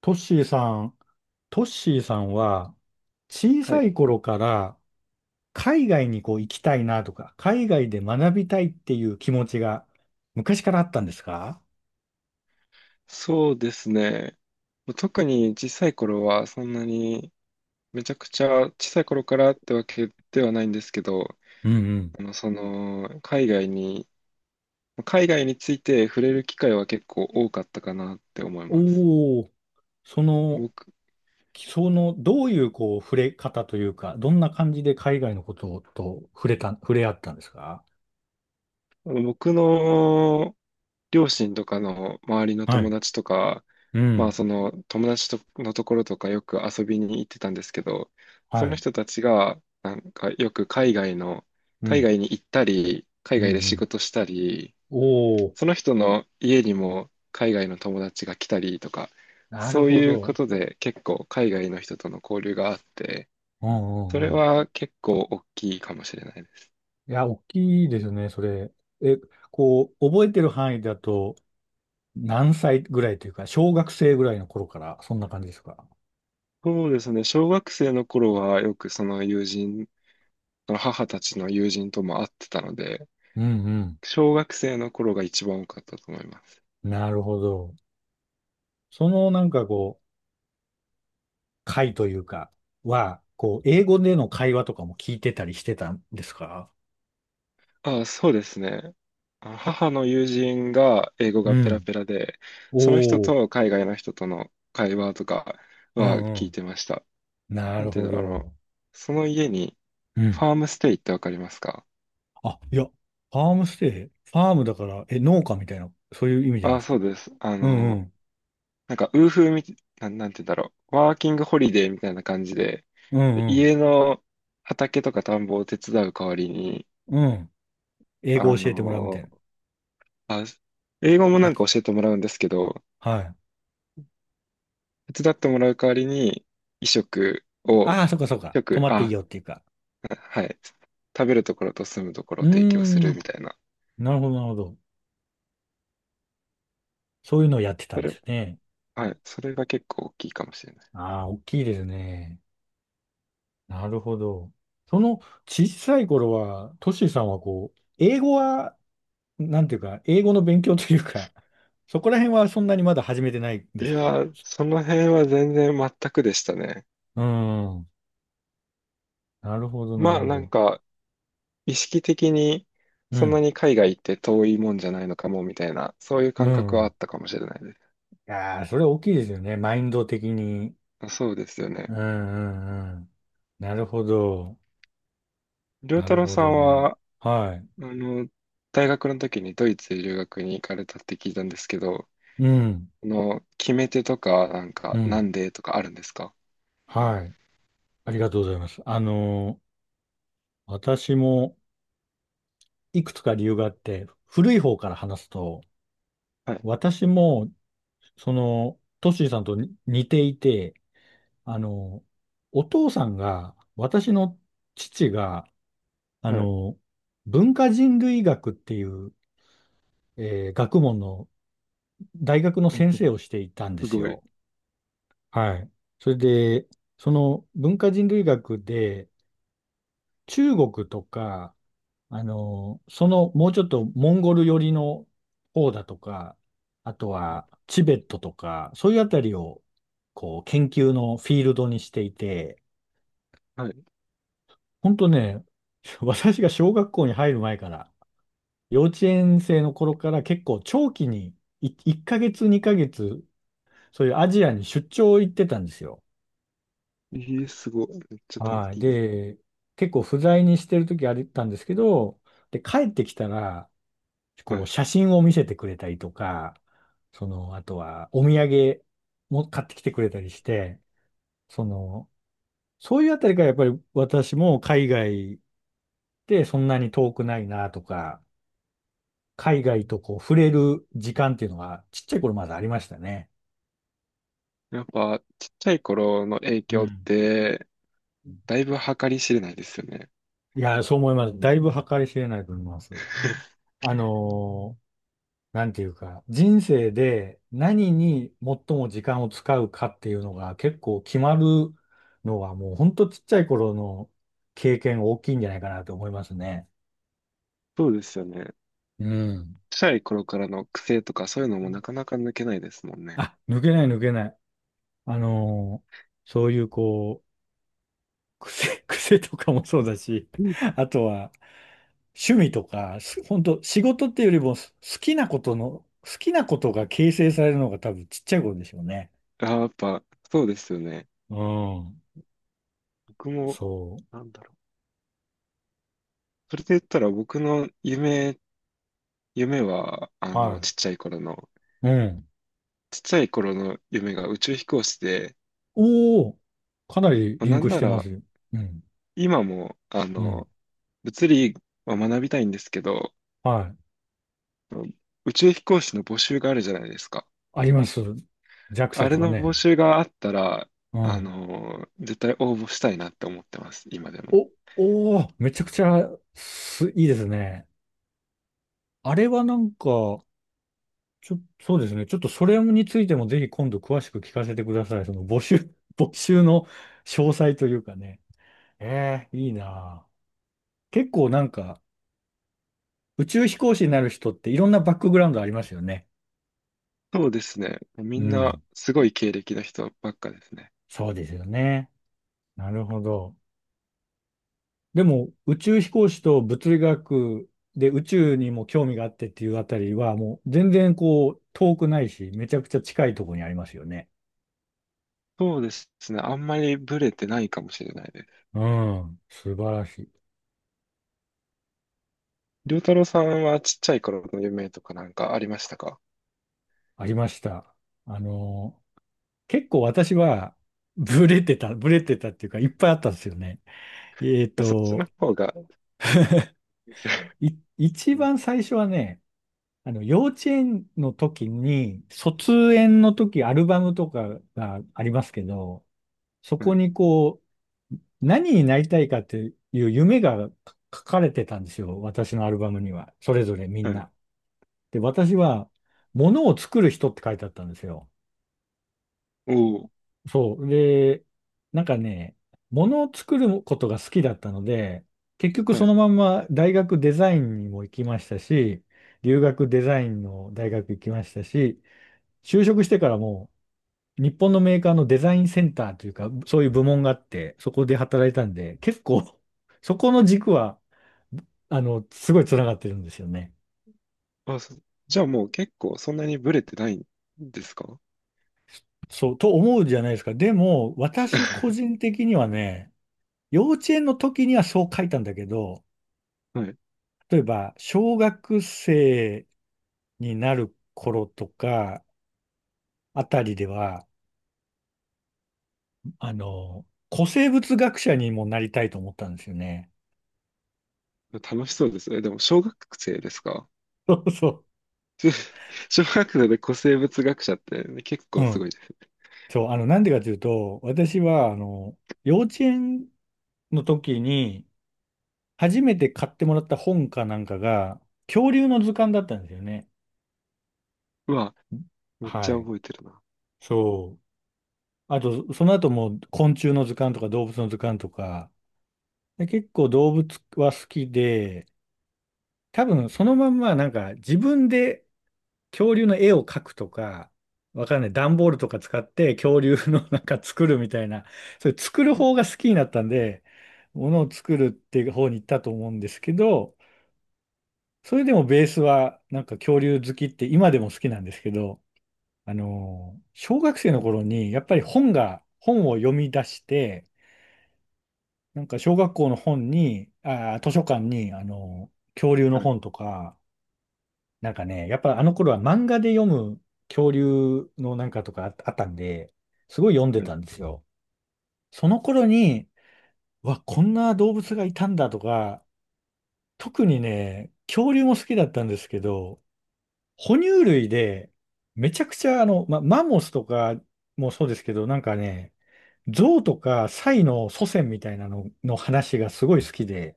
トッシーさん、トッシーさんは小はさい。い頃から海外にこう行きたいなとか、海外で学びたいっていう気持ちが昔からあったんですか？そうですね。特に小さい頃はそんなに、めちゃくちゃ小さい頃からってわけではないんですけど、うんうん。あの、その、海外に、海外について触れる機会は結構多かったかなって思います。おお、その、僕、どういうこう触れ方というか、どんな感じで海外のことと触れ合ったんですか？僕の両親とかの周りのは友い。達とか、うまあん。その友達とのところとかよく遊びに行ってたんですけど、そはのい。人たちがなんかよく海外の、う海ん。外に行ったり、海うんう外で仕ん。事したり、おお、その人の家にも海外の友達が来たりとか、なるそうほいうこど。とで結構海外の人との交流があって、うんそうれんうん。は結構大きいかもしれないです。いや、大きいですよね、それ。え、こう、覚えてる範囲だと、何歳ぐらいというか、小学生ぐらいの頃から、そんな感じですか？そうですね、小学生の頃はよくその友人、その母たちの友人とも会ってたので、うん小学生の頃が一番多かったと思います。うん。なるほど。そのなんかこう、会というか、は、こう、英語での会話とかも聞いてたりしてたんですか？あ、そうですね。あ、母の友人が英語うがペラん。ペラで、その人おー。と海外の人との会話とかうはん聞いうてました。ん。ななんるていほうんだろう、あの、ど。その家にうフん。ァームステイってわかりますか？あ、いや、ファームステイ、ファームだから、農家みたいな、そういう意味じゃなあ、くそて。うです。あうんうの、ん。なんか、ウーフーみ、なん、なんていうんだろう、ワーキングホリデーみたいな感じで、うんうん。家の畑とか田んぼを手伝う代わりに、うん。英あ語教えてもらうみたの、いな。あ、英語もあ、なんか教えてもらうんですけど、はい。手伝ってもらう代わりに、衣食を、ああ、そっかそっか。泊食、まっていいあ、よっていうか。はい、食べるところと住むところをう提供すーるん。みたいな。なるほど、なるほど。そういうのをやってたそんでれ、すね。はい、それが結構大きいかもしれない。ああ、大きいですね。なるほど。その小さい頃は、トシさんはこう、英語は、なんていうか、英語の勉強というか、そこら辺はそんなにまだ始めてないんいですか？やー、その辺は全然全くでしたね。うーん。なるほど、なまるあ、ほなんど。か、意識的に、うそんなん。に海外行って遠いもんじゃないのかも、みたいな、そういうう感覚はん。あいったかもしれないです。やー、それ大きいですよね。マインド的に。まあそうですようん、ね。うん、うん。なるほど。良な太る郎ほさどんね。は、あはい。の、大学の時にドイツ留学に行かれたって聞いたんですけど、うん。の、決め手とか、なんうか、なん。んでとかあるんですか？はい。ありがとうございます。私もいくつか理由があって、古い方から話すと、はい、私も、トッシーさんとに似ていて、あのお父さんが、私の父が、あはい。の文化人類学っていう、学問の大学の先生 をしていたんですすごい。よ。はい。それで、その文化人類学で、中国とか、そのもうちょっとモンゴル寄りの方だとか、あとはいはチベットとか、そういうあたりをこう研究のフィールドにしていて、い。本当ね、私が小学校に入る前から、幼稚園生の頃から結構長期に1ヶ月、2ヶ月、そういうアジアに出張行ってたんですよ。えー、すごい。めっちゃたいはい。いな。で、結構不在にしてる時あったんですけど、で、帰ってきたら、はこう、い。写真を見せてくれたりとか、あとは、お土産も買ってきてくれたりして、その、そういうあたりからやっぱり私も海外でそんなに遠くないなとか、海外とこう、触れる時間っていうのが、ちっちゃい頃まだありましたね。やっぱ、ちっちゃい頃の影う響っん。て、だいぶ計り知れないですよね。いや、そう思います。だいぶ計り知れないと思います。あのーなんていうか、人生で何に最も時間を使うかっていうのが結構決まるのはもうほんとちっちゃい頃の経験大きいんじゃないかなと思いますね。そうですよね。うん。ちっちゃい頃からの癖とか、そういうのもなかなか抜けないですもんね。あ、抜けない抜けない。あのーそういうこう、癖、癖とかもそうだし、うん。あとは趣味とか、本当仕事っていうよりも好きなことの、好きなことが形成されるのが多分ちっちゃい頃でしょうね。あー、やっぱ、そうですよね。うん。僕も、そなんだろう。それで言ったら、僕の夢、夢は、う。はい。うん。ちっちゃい頃の夢が宇宙飛行士で、おお、かなりまあリンなんクしなてまらすよ。うん、今も、あうん。の、物理は学びたいんですけど、はい。宇宙飛行士の募集があるじゃないですか。あります。JAXA あれとかの募ね。集があったら、うあん。の、絶対応募したいなって思ってます、今でも。お、おお、めちゃくちゃいいですね。あれはなんか、そうですね。ちょっとそれについてもぜひ今度詳しく聞かせてください。その募集、募集の詳細というかね。ええ、いいなあ。結構なんか、宇宙飛行士になる人っていろんなバックグラウンドありますよね。そうですね。みうんなん。すごい経歴の人ばっかですね。そうですよね。なるほど。でも、宇宙飛行士と物理学で宇宙にも興味があってっていうあたりは、もう全然こう、遠くないし、めちゃくちゃ近いところにありますよね。そうですね。あんまりブレてないかもしれないです。うん、素晴らしい。りょうたろうさんはちっちゃい頃の夢とかなんかありましたか？ありました。あの、結構私は、ブレてたっていうか、いっぱいあったんですよね。えっそっちと、の方が。い、一番最初はね、幼稚園の時に、卒園の時、アルバムとかがありますけど、そはこい。にこう、何になりたいかっていう夢が書かれてたんですよ。私のアルバムには。それぞれみはんい。な。で、私は、物を作る人って書いてあったんですよ。おお、そう。で、なんかね、物を作ることが好きだったので、結局はそい。のまんま大学デザインにも行きましたし、留学デザインの大学行きましたし、就職してからも日本のメーカーのデザインセンターというか、そういう部門があって、そこで働いたんで、結構、そこの軸は、すごい繋がってるんですよね。あ、そ、じゃあもう結構そんなにブレてないんですか？ そう、と思うじゃないですか。でも、私個 人的にはね、幼稚園の時にはそう書いたんだけど、はい。例えば、小学生になる頃とか、あたりでは、あの、古生物学者にもなりたいと思ったんですよね。楽しそうですね。でも小学生ですか？ そうそ小学生で古生物学者ってね、結う。う構すん。ごいです。そう、なんでかというと、私は、幼稚園の時に、初めて買ってもらった本かなんかが、恐竜の図鑑だったんですよね。うわ、めっちはゃい。覚えてるな。そう。あと、その後も昆虫の図鑑とか動物の図鑑とか、で結構動物は好きで、多分そのまんまなんか自分で恐竜の絵を描くとか、わかんない。段ボールとか使って恐竜のなんか作るみたいな、それ作る方が好きになったんで、ものを作るっていう方に行ったと思うんですけど、それでもベースはなんか恐竜好きって今でも好きなんですけど、小学生の頃にやっぱり本を読み出して、なんか小学校の本に、あー、図書館に、恐竜のはい。本とか、なんかね、やっぱあの頃は漫画で読む恐竜のなんかとかあったんで、すごい読んではい。たんですよ。その頃に、うわ、こんな動物がいたんだとか、特にね、恐竜も好きだったんですけど、哺乳類で、めちゃくちゃマンモスとかもそうですけど、なんかね、象とかサイの祖先みたいなのの話がすごい好きで、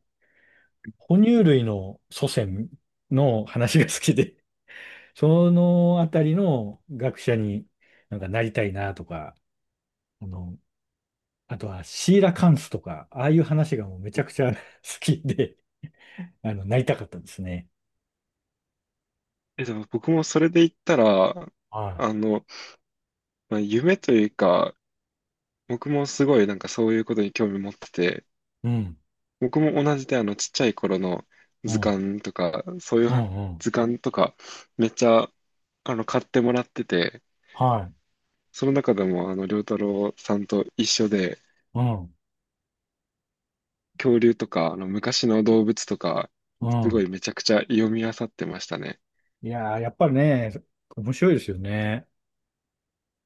哺乳類の祖先の話が好きでそのあたりの学者になんかなりたいなとか、あの、あとはシーラカンスとか、ああいう話がもうめちゃくちゃ 好きで、なりたかったですね。え、でも僕もそれで言ったら、はあの、まあ、夢というか、僕もすごいなんかそういうことに興味持ってて、い。うん。僕も同じで、あの、ちっちゃい頃のう図ん。鑑とか、そういううん。はうん。図鑑とかめっちゃ、あの、買ってもらってて、はその中でも、あの、良太郎さんと一緒で、い。うん。恐竜とか、あの、昔の動物とか、うすごん。いめちゃくちゃ読み漁ってましたね。いやー、やっぱりね、面白いですよね。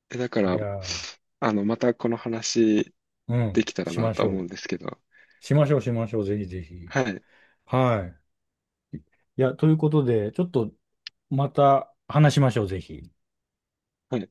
え、だかいら、やー、あの、またこの話うでん、きたらしなましと思うょんう。ですけど。しましょう、しましょう。ぜひぜひ。はい。はい。いや、ということで、ちょっとまた話しましょう、ぜひ。はい。